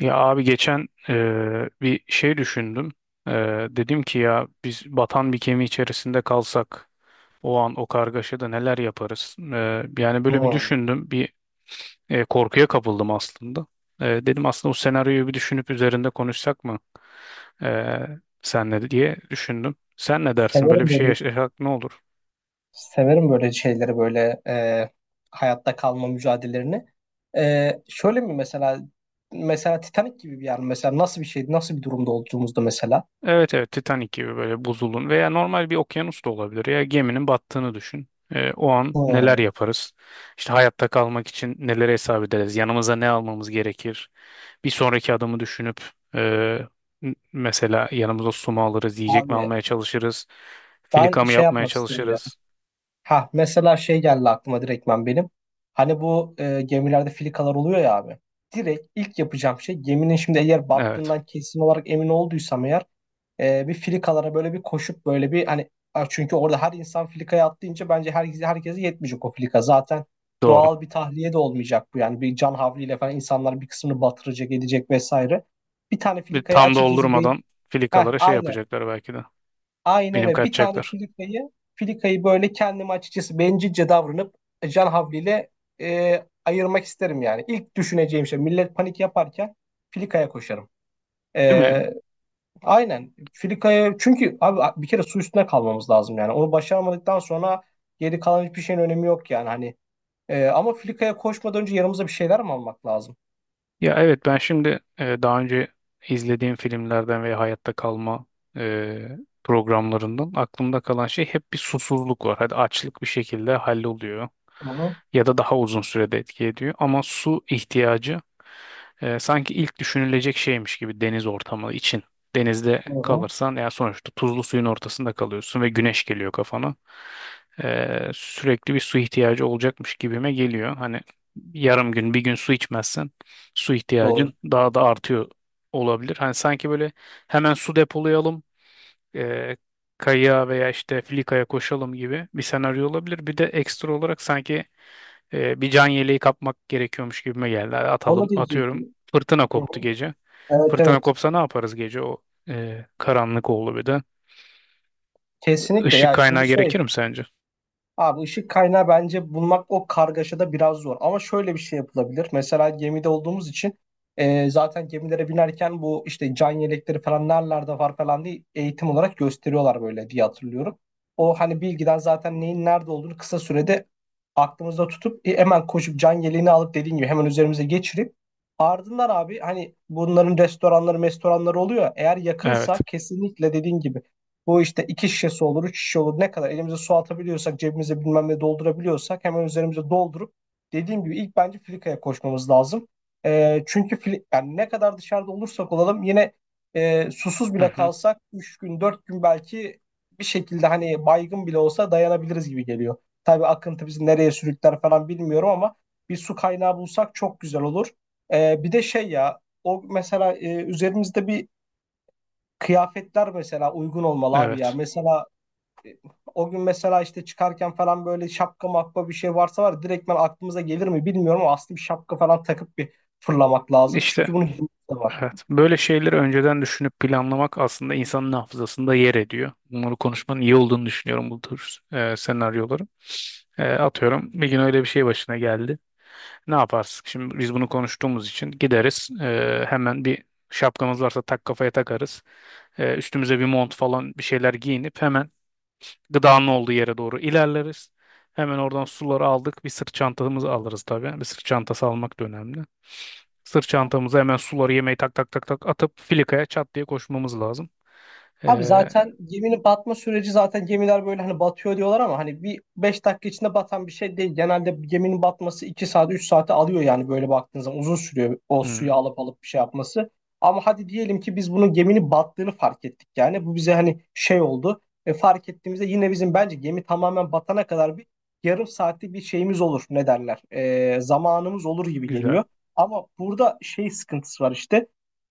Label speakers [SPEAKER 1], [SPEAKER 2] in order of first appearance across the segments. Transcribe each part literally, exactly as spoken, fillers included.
[SPEAKER 1] Ya abi geçen eee, bir şey düşündüm. Eee, dedim ki ya biz batan bir gemi içerisinde kalsak o an o kargaşada neler yaparız? Eee, yani böyle bir
[SPEAKER 2] Hmm.
[SPEAKER 1] düşündüm. Bir e, korkuya kapıldım aslında. Eee, dedim aslında o senaryoyu bir düşünüp üzerinde konuşsak mı? Eee senle diye düşündüm. Sen ne dersin? Böyle
[SPEAKER 2] Severim
[SPEAKER 1] bir şey
[SPEAKER 2] böyle
[SPEAKER 1] yaşasak ne olur?
[SPEAKER 2] Severim böyle şeyleri böyle e, hayatta kalma mücadelelerini. E, şöyle mi mesela, mesela Titanic gibi bir yer mi? Mesela nasıl bir şeydi nasıl bir durumda olduğumuzda mesela.
[SPEAKER 1] Evet, evet, Titanic gibi böyle buzulun veya normal bir okyanus da olabilir ya geminin battığını düşün. Ee, o an neler
[SPEAKER 2] Hmm.
[SPEAKER 1] yaparız? İşte hayatta kalmak için neleri hesap ederiz? Yanımıza ne almamız gerekir? Bir sonraki adımı düşünüp e, n- mesela yanımıza su mu alırız, yiyecek mi
[SPEAKER 2] Abi
[SPEAKER 1] almaya çalışırız,
[SPEAKER 2] ben
[SPEAKER 1] filika mı
[SPEAKER 2] şey
[SPEAKER 1] yapmaya
[SPEAKER 2] yapmak istiyorum ya.
[SPEAKER 1] çalışırız?
[SPEAKER 2] Ha mesela şey geldi aklıma direktmen benim. Hani bu e, gemilerde filikalar oluyor ya abi. Direkt ilk yapacağım şey, geminin şimdi eğer
[SPEAKER 1] Evet,
[SPEAKER 2] battığından kesin olarak emin olduysam eğer e, bir filikalara böyle bir koşup böyle bir hani a, çünkü orada her insan filikaya atlayınca bence herkese herkese yetmeyecek o filika. Zaten
[SPEAKER 1] doğru.
[SPEAKER 2] doğal bir tahliye de olmayacak bu, yani bir can havliyle falan insanlar bir kısmını batıracak edecek vesaire. Bir tane
[SPEAKER 1] Bir
[SPEAKER 2] filikayı
[SPEAKER 1] tam
[SPEAKER 2] açıkçası değil.
[SPEAKER 1] doldurmadan
[SPEAKER 2] Heh,
[SPEAKER 1] filikalara şey
[SPEAKER 2] aynı.
[SPEAKER 1] yapacaklar belki de.
[SPEAKER 2] Aynen
[SPEAKER 1] Benim
[SPEAKER 2] öyle. Bir tane
[SPEAKER 1] kaçacaklar.
[SPEAKER 2] filikayı filikayı böyle kendime açıkçası bencilce davranıp e, can havliyle e, ayırmak isterim yani. İlk düşüneceğim şey, millet panik yaparken filikaya koşarım.
[SPEAKER 1] Değil mi?
[SPEAKER 2] E, Aynen. Filika'ya, çünkü abi bir kere su üstüne kalmamız lazım yani. Onu başaramadıktan sonra geri kalan hiçbir şeyin önemi yok yani hani. Ee, ama Filika'ya koşmadan önce yanımıza bir şeyler mi almak lazım?
[SPEAKER 1] Ya evet, ben şimdi e, daha önce izlediğim filmlerden ve hayatta kalma e, programlarından aklımda kalan şey hep bir susuzluk var. Hadi açlık bir şekilde halloluyor
[SPEAKER 2] Hı hı,
[SPEAKER 1] ya da daha uzun sürede etki ediyor ama su ihtiyacı e, sanki ilk düşünülecek şeymiş gibi deniz ortamı için. Denizde
[SPEAKER 2] hı hı.
[SPEAKER 1] kalırsan ya sonuçta tuzlu suyun ortasında kalıyorsun ve güneş geliyor kafana. E, sürekli bir su ihtiyacı olacakmış gibime geliyor. Hani yarım gün bir gün su içmezsen su
[SPEAKER 2] Doğru.
[SPEAKER 1] ihtiyacın daha da artıyor olabilir. Hani sanki böyle hemen su depolayalım e, kayığa veya işte filikaya koşalım gibi bir senaryo olabilir. Bir de ekstra olarak sanki e, bir can yeleği kapmak gerekiyormuş gibime geldi. Hadi atalım,
[SPEAKER 2] Onu
[SPEAKER 1] atıyorum.
[SPEAKER 2] diyecektim.
[SPEAKER 1] Fırtına
[SPEAKER 2] Hı hı.
[SPEAKER 1] koptu gece.
[SPEAKER 2] Evet,
[SPEAKER 1] Fırtına
[SPEAKER 2] evet.
[SPEAKER 1] kopsa ne yaparız gece, o e, karanlık oldu bir de.
[SPEAKER 2] Kesinlikle
[SPEAKER 1] Işık
[SPEAKER 2] ya,
[SPEAKER 1] kaynağı
[SPEAKER 2] şimdi şey,
[SPEAKER 1] gerekir mi sence?
[SPEAKER 2] abi ışık kaynağı bence bulmak o kargaşada biraz zor. Ama şöyle bir şey yapılabilir. Mesela gemide olduğumuz için e, zaten gemilere binerken bu işte can yelekleri falan nerelerde var falan diye eğitim olarak gösteriyorlar böyle diye hatırlıyorum. O hani bilgiden zaten neyin nerede olduğunu kısa sürede aklımızda tutup e, hemen koşup can yeleğini alıp, dediğin gibi hemen üzerimize geçirip ardından abi hani bunların restoranları restoranları oluyor. Ya, eğer
[SPEAKER 1] Evet.
[SPEAKER 2] yakınsa kesinlikle dediğin gibi bu işte iki şişesi olur, üç şişe olur. Ne kadar elimize su atabiliyorsak, cebimize bilmem ne doldurabiliyorsak hemen üzerimize doldurup, dediğim gibi ilk bence filikaya koşmamız lazım. Ee, çünkü fili- yani ne kadar dışarıda olursak olalım, yine e, susuz
[SPEAKER 1] Hı
[SPEAKER 2] bile
[SPEAKER 1] hı.
[SPEAKER 2] kalsak üç gün dört gün belki bir şekilde hani baygın bile olsa dayanabiliriz gibi geliyor. Tabii akıntı bizi nereye sürükler falan bilmiyorum ama bir su kaynağı bulsak çok güzel olur. Ee, bir de şey ya, o mesela e, üzerimizde bir, kıyafetler mesela uygun olmalı abi ya.
[SPEAKER 1] Evet.
[SPEAKER 2] Mesela e, o gün mesela işte çıkarken falan böyle şapka makba bir şey varsa var ya, direktmen aklımıza gelir mi bilmiyorum ama aslında bir şapka falan takıp bir fırlamak lazım.
[SPEAKER 1] İşte
[SPEAKER 2] Çünkü bunun hikmeti de var.
[SPEAKER 1] evet. Böyle şeyleri önceden düşünüp planlamak aslında insanın hafızasında yer ediyor. Bunları konuşmanın iyi olduğunu düşünüyorum bu tür e, senaryoların. E, atıyorum bir gün öyle bir şey başına geldi. Ne yaparsın? Şimdi biz bunu konuştuğumuz için gideriz. Ee, hemen bir şapkamız varsa tak kafaya takarız. Ee, üstümüze bir mont falan bir şeyler giyinip hemen gıdanın olduğu yere doğru ilerleriz. Hemen oradan suları aldık. Bir sırt çantamızı alırız tabii. Bir sırt çantası almak da önemli. Sırt çantamıza hemen suları yemeği tak tak tak tak atıp filikaya çat diye koşmamız lazım.
[SPEAKER 2] Abi
[SPEAKER 1] Ee,
[SPEAKER 2] zaten geminin batma süreci, zaten gemiler böyle hani batıyor diyorlar ama hani bir beş dakika içinde batan bir şey değil. Genelde bir geminin batması iki saat üç saate alıyor yani, böyle baktığınız zaman uzun sürüyor o suyu
[SPEAKER 1] hmm,
[SPEAKER 2] alıp alıp bir şey yapması. Ama hadi diyelim ki biz bunun geminin battığını fark ettik, yani bu bize hani şey oldu. E, fark ettiğimizde yine bizim bence gemi tamamen batana kadar bir yarım saatlik bir şeyimiz olur ne derler, E, zamanımız olur gibi
[SPEAKER 1] Güzel.
[SPEAKER 2] geliyor. Ama burada şey sıkıntısı var işte,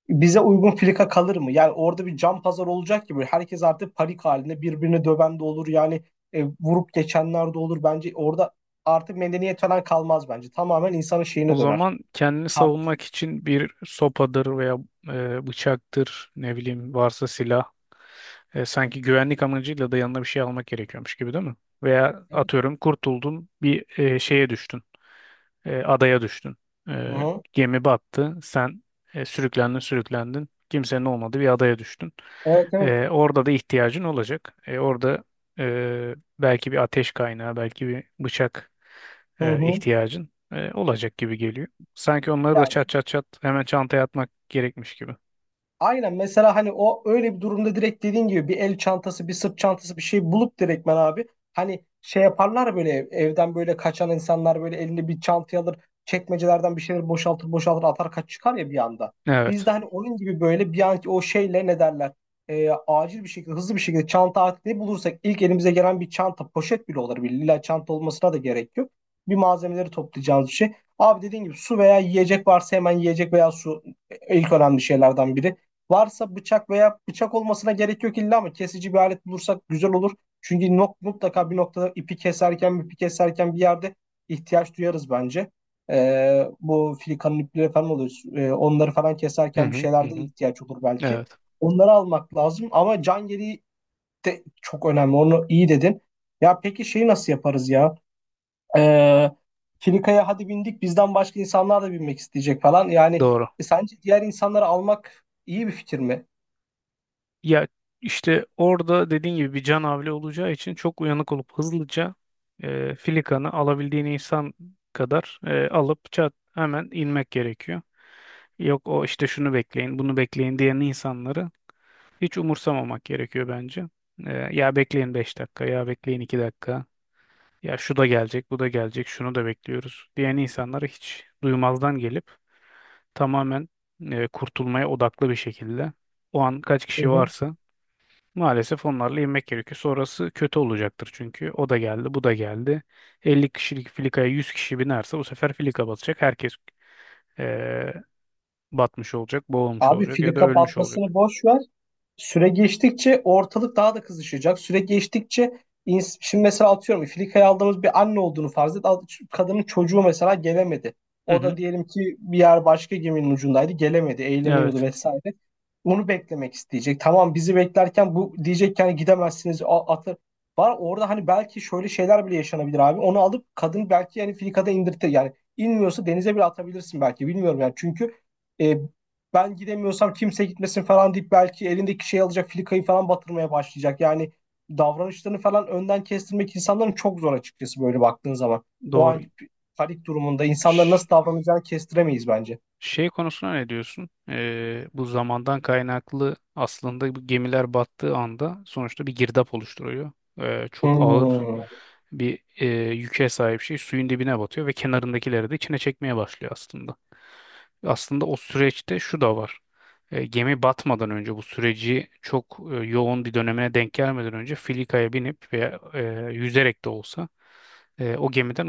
[SPEAKER 2] bize uygun filika kalır mı? Yani orada bir can pazar olacak gibi. Herkes artık panik halinde birbirini döven de olur. Yani e, vurup geçenler de olur. Bence orada artık medeniyet falan kalmaz bence. Tamamen insanın
[SPEAKER 1] O
[SPEAKER 2] şeyine döner.
[SPEAKER 1] zaman kendini
[SPEAKER 2] Kardeş.
[SPEAKER 1] savunmak için bir sopadır veya e, bıçaktır, ne bileyim varsa silah. E, sanki güvenlik amacıyla da yanına bir şey almak gerekiyormuş gibi değil mi? Veya
[SPEAKER 2] Evet.
[SPEAKER 1] atıyorum kurtuldun, bir e, şeye düştün. E, adaya düştün.
[SPEAKER 2] Hı
[SPEAKER 1] E,
[SPEAKER 2] hı.
[SPEAKER 1] gemi battı. Sen e, sürüklendin sürüklendin. Kimsenin olmadığı bir adaya düştün.
[SPEAKER 2] Evet, evet.
[SPEAKER 1] E, orada da ihtiyacın olacak. E, orada e, belki bir ateş kaynağı, belki bir bıçak
[SPEAKER 2] Hı
[SPEAKER 1] e,
[SPEAKER 2] hı.
[SPEAKER 1] ihtiyacın e, olacak gibi geliyor. Sanki onları da çat çat çat hemen çantaya atmak gerekmiş gibi.
[SPEAKER 2] Aynen, mesela hani o öyle bir durumda direkt dediğin gibi bir el çantası, bir sırt çantası, bir şey bulup direktmen abi, hani şey yaparlar ya, böyle ev- evden böyle kaçan insanlar böyle elinde bir çantayı alır çekmecelerden bir şeyler boşaltır boşaltır atar kaç çıkar ya bir anda. Biz
[SPEAKER 1] Evet.
[SPEAKER 2] de hani onun gibi böyle bir anki o şeyle ne derler, e, acil bir şekilde, hızlı bir şekilde çanta atlayıp bulursak, ilk elimize gelen bir çanta, poşet bile olur, bile illa çanta olmasına da gerek yok. Bir malzemeleri toplayacağımız bir şey. Abi dediğin gibi su veya yiyecek varsa hemen yiyecek veya su ilk önemli şeylerden biri. Varsa bıçak veya bıçak olmasına gerek yok illa, ama kesici bir alet bulursak güzel olur. Çünkü nok- mutlaka bir noktada ipi keserken, ipi keserken bir yerde ihtiyaç duyarız bence. Ee, bu filikanın ipleri falan oluyor. Ee, onları falan
[SPEAKER 1] Hı
[SPEAKER 2] keserken bir
[SPEAKER 1] hı hı
[SPEAKER 2] şeylerde
[SPEAKER 1] hı.
[SPEAKER 2] ihtiyaç olur belki.
[SPEAKER 1] Evet.
[SPEAKER 2] Onları almak lazım, ama can yeleği de çok önemli. Onu iyi dedin. Ya peki şeyi nasıl yaparız ya? Ee, filikaya hadi bindik, bizden başka insanlar da binmek isteyecek falan. Yani
[SPEAKER 1] Doğru.
[SPEAKER 2] e, sence diğer insanları almak iyi bir fikir mi?
[SPEAKER 1] Ya işte orada dediğin gibi bir can havli olacağı için çok uyanık olup hızlıca e, filikanı alabildiğin insan kadar e, alıp çat hemen inmek gerekiyor. Yok, o işte şunu bekleyin, bunu bekleyin diyen insanları hiç umursamamak gerekiyor bence. E, ya bekleyin beş dakika, ya bekleyin iki dakika, ya şu da gelecek, bu da gelecek, şunu da bekliyoruz diyen insanları hiç duymazdan gelip tamamen e, kurtulmaya odaklı bir şekilde o an kaç
[SPEAKER 2] Hı
[SPEAKER 1] kişi
[SPEAKER 2] hı.
[SPEAKER 1] varsa maalesef onlarla inmek gerekiyor. Sonrası kötü olacaktır çünkü. O da geldi, bu da geldi. elli kişilik filikaya yüz kişi binerse bu sefer filika batacak. Herkes eee, batmış olacak, boğulmuş
[SPEAKER 2] Abi
[SPEAKER 1] olacak
[SPEAKER 2] fili
[SPEAKER 1] ya da ölmüş olacak.
[SPEAKER 2] kapatmasını boş ver. Süre geçtikçe ortalık daha da kızışacak. Süre geçtikçe ins- şimdi mesela atıyorum Filika'ya aldığımız bir anne olduğunu farz et. Al- Kadının çocuğu mesela gelemedi.
[SPEAKER 1] Hı
[SPEAKER 2] O da
[SPEAKER 1] hı.
[SPEAKER 2] diyelim ki bir yer başka geminin ucundaydı. Gelemedi, eğleniyordu
[SPEAKER 1] Evet,
[SPEAKER 2] vesaire. Onu beklemek isteyecek. Tamam bizi beklerken bu diyecek ki hani gidemezsiniz, a- atı var. Orada hani belki şöyle şeyler bile yaşanabilir abi. Onu alıp kadın belki yani Filika'da indirtir. Yani inmiyorsa denize bile atabilirsin belki. Bilmiyorum yani. Çünkü e, ben gidemiyorsam kimse gitmesin falan deyip belki elindeki şey alacak filikayı falan batırmaya başlayacak. Yani davranışlarını falan önden kestirmek insanların çok zor açıkçası, böyle baktığın zaman. O
[SPEAKER 1] doğru.
[SPEAKER 2] an panik durumunda insanların
[SPEAKER 1] Şş.
[SPEAKER 2] nasıl davranacağını kestiremeyiz bence.
[SPEAKER 1] Şey konusuna ne diyorsun? Ee, bu zamandan kaynaklı aslında bu gemiler battığı anda sonuçta bir girdap oluşturuyor. Ee, çok ağır
[SPEAKER 2] Hmm.
[SPEAKER 1] bir e, yüke sahip şey suyun dibine batıyor ve kenarındakileri de içine çekmeye başlıyor aslında. Aslında o süreçte şu da var. E, gemi batmadan önce bu süreci çok e, yoğun bir dönemine denk gelmeden önce filikaya binip veya e, yüzerek de olsa e, o gemiden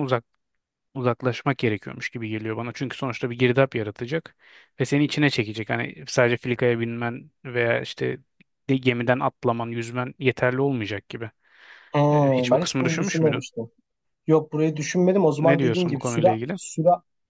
[SPEAKER 1] uzaklaşmak gerekiyormuş gibi geliyor bana. Çünkü sonuçta bir girdap yaratacak ve seni içine çekecek. Hani sadece filikaya binmen veya işte de- gemiden atlaman, yüzmen yeterli olmayacak gibi. E,
[SPEAKER 2] hmm,
[SPEAKER 1] hiç bu
[SPEAKER 2] Ben hiç
[SPEAKER 1] kısmı
[SPEAKER 2] bunu
[SPEAKER 1] düşünmüş müydün?
[SPEAKER 2] düşünmemiştim. Yok, burayı düşünmedim. O
[SPEAKER 1] Ne
[SPEAKER 2] zaman dediğin
[SPEAKER 1] diyorsun bu
[SPEAKER 2] gibi süre
[SPEAKER 1] konuyla ilgili?
[SPEAKER 2] süre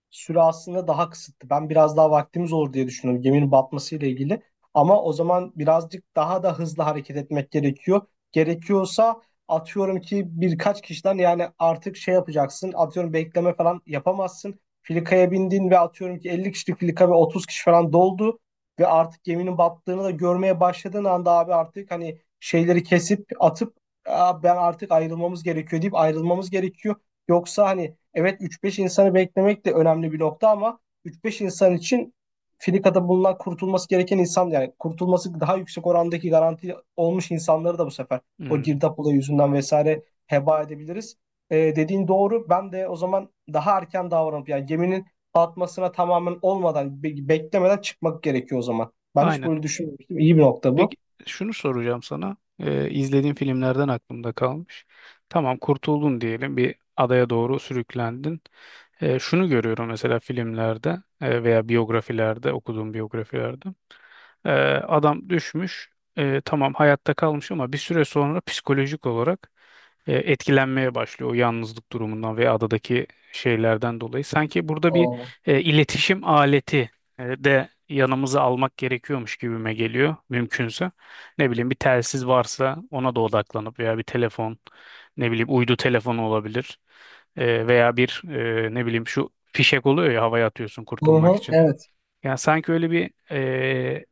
[SPEAKER 2] süre aslında daha kısıtlı. Ben biraz daha vaktimiz olur diye düşünüyorum geminin batmasıyla ilgili. Ama o zaman birazcık daha da hızlı hareket etmek gerekiyor. Gerekiyorsa atıyorum ki birkaç kişiden, yani artık şey yapacaksın. Atıyorum bekleme falan yapamazsın. Filikaya bindin ve atıyorum ki elli kişilik filika ve otuz kişi falan doldu ve artık geminin battığını da görmeye başladığın anda abi artık hani şeyleri kesip atıp, "Aa, ben artık ayrılmamız gerekiyor" deyip ayrılmamız gerekiyor. Yoksa hani, evet, üç beş insanı beklemek de önemli bir nokta, ama üç beş insan için Filika'da bulunan kurtulması gereken insan, yani kurtulması daha yüksek orandaki garanti olmuş insanları da bu sefer o
[SPEAKER 1] Hmm,
[SPEAKER 2] girdap olayı yüzünden vesaire heba edebiliriz. Ee, dediğin doğru. Ben de o zaman daha erken davranıp yani geminin batmasına tamamen olmadan be- beklemeden çıkmak gerekiyor o zaman. Ben hiç
[SPEAKER 1] aynen.
[SPEAKER 2] böyle düşünmemiştim. İyi bir nokta
[SPEAKER 1] Peki,
[SPEAKER 2] bu.
[SPEAKER 1] şunu soracağım sana. E, izlediğin filmlerden aklımda kalmış. Tamam, kurtuldun diyelim, bir adaya doğru sürüklendin. E, şunu görüyorum mesela filmlerde, e, veya biyografilerde, okuduğum biyografilerde. Ee, Adam düşmüş. Ee, tamam, hayatta kalmış ama bir süre sonra psikolojik olarak e, etkilenmeye başlıyor o yalnızlık durumundan ve adadaki şeylerden dolayı. Sanki burada bir
[SPEAKER 2] Oo.
[SPEAKER 1] e, iletişim aleti e, de yanımıza almak gerekiyormuş gibime geliyor mümkünse. Ne bileyim, bir telsiz varsa ona da odaklanıp veya bir telefon, ne bileyim uydu telefonu olabilir. E, veya bir, e, ne bileyim şu fişek oluyor ya, havaya atıyorsun
[SPEAKER 2] Hı
[SPEAKER 1] kurtulmak
[SPEAKER 2] hı,
[SPEAKER 1] için.
[SPEAKER 2] evet.
[SPEAKER 1] Yani sanki öyle bir e,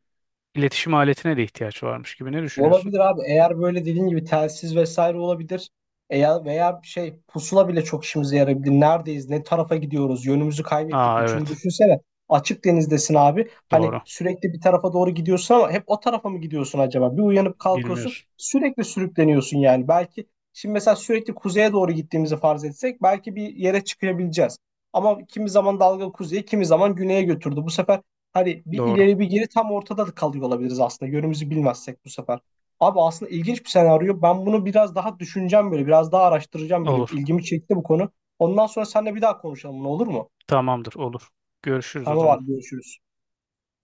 [SPEAKER 1] İletişim aletine de ihtiyaç varmış gibi, ne düşünüyorsun?
[SPEAKER 2] Olabilir abi. Eğer böyle dediğin gibi telsiz vesaire olabilir. Eğer veya şey pusula bile çok işimize yarayabilir. Neredeyiz? Ne tarafa gidiyoruz? Yönümüzü kaybettik
[SPEAKER 1] Aa,
[SPEAKER 2] mi? Çünkü
[SPEAKER 1] evet.
[SPEAKER 2] düşünsene açık denizdesin abi. Hani
[SPEAKER 1] Doğru.
[SPEAKER 2] sürekli bir tarafa doğru gidiyorsun ama hep o tarafa mı gidiyorsun acaba? Bir uyanıp kalkıyorsun.
[SPEAKER 1] Bilmiyorsun.
[SPEAKER 2] Sürekli sürükleniyorsun yani. Belki şimdi mesela sürekli kuzeye doğru gittiğimizi farz etsek belki bir yere çıkabileceğiz. Ama kimi zaman dalga kuzeye, kimi zaman güneye götürdü. Bu sefer hani bir
[SPEAKER 1] Doğru.
[SPEAKER 2] ileri bir geri tam ortada da kalıyor olabiliriz aslında, yönümüzü bilmezsek bu sefer. Abi aslında ilginç bir senaryo. Ben bunu biraz daha düşüneceğim böyle. Biraz daha araştıracağım böyle.
[SPEAKER 1] Olur.
[SPEAKER 2] İlgimi çekti bu konu. Ondan sonra seninle bir daha konuşalım. Ne olur mu?
[SPEAKER 1] Tamamdır, olur. Görüşürüz o
[SPEAKER 2] Tamam
[SPEAKER 1] zaman.
[SPEAKER 2] abi, görüşürüz.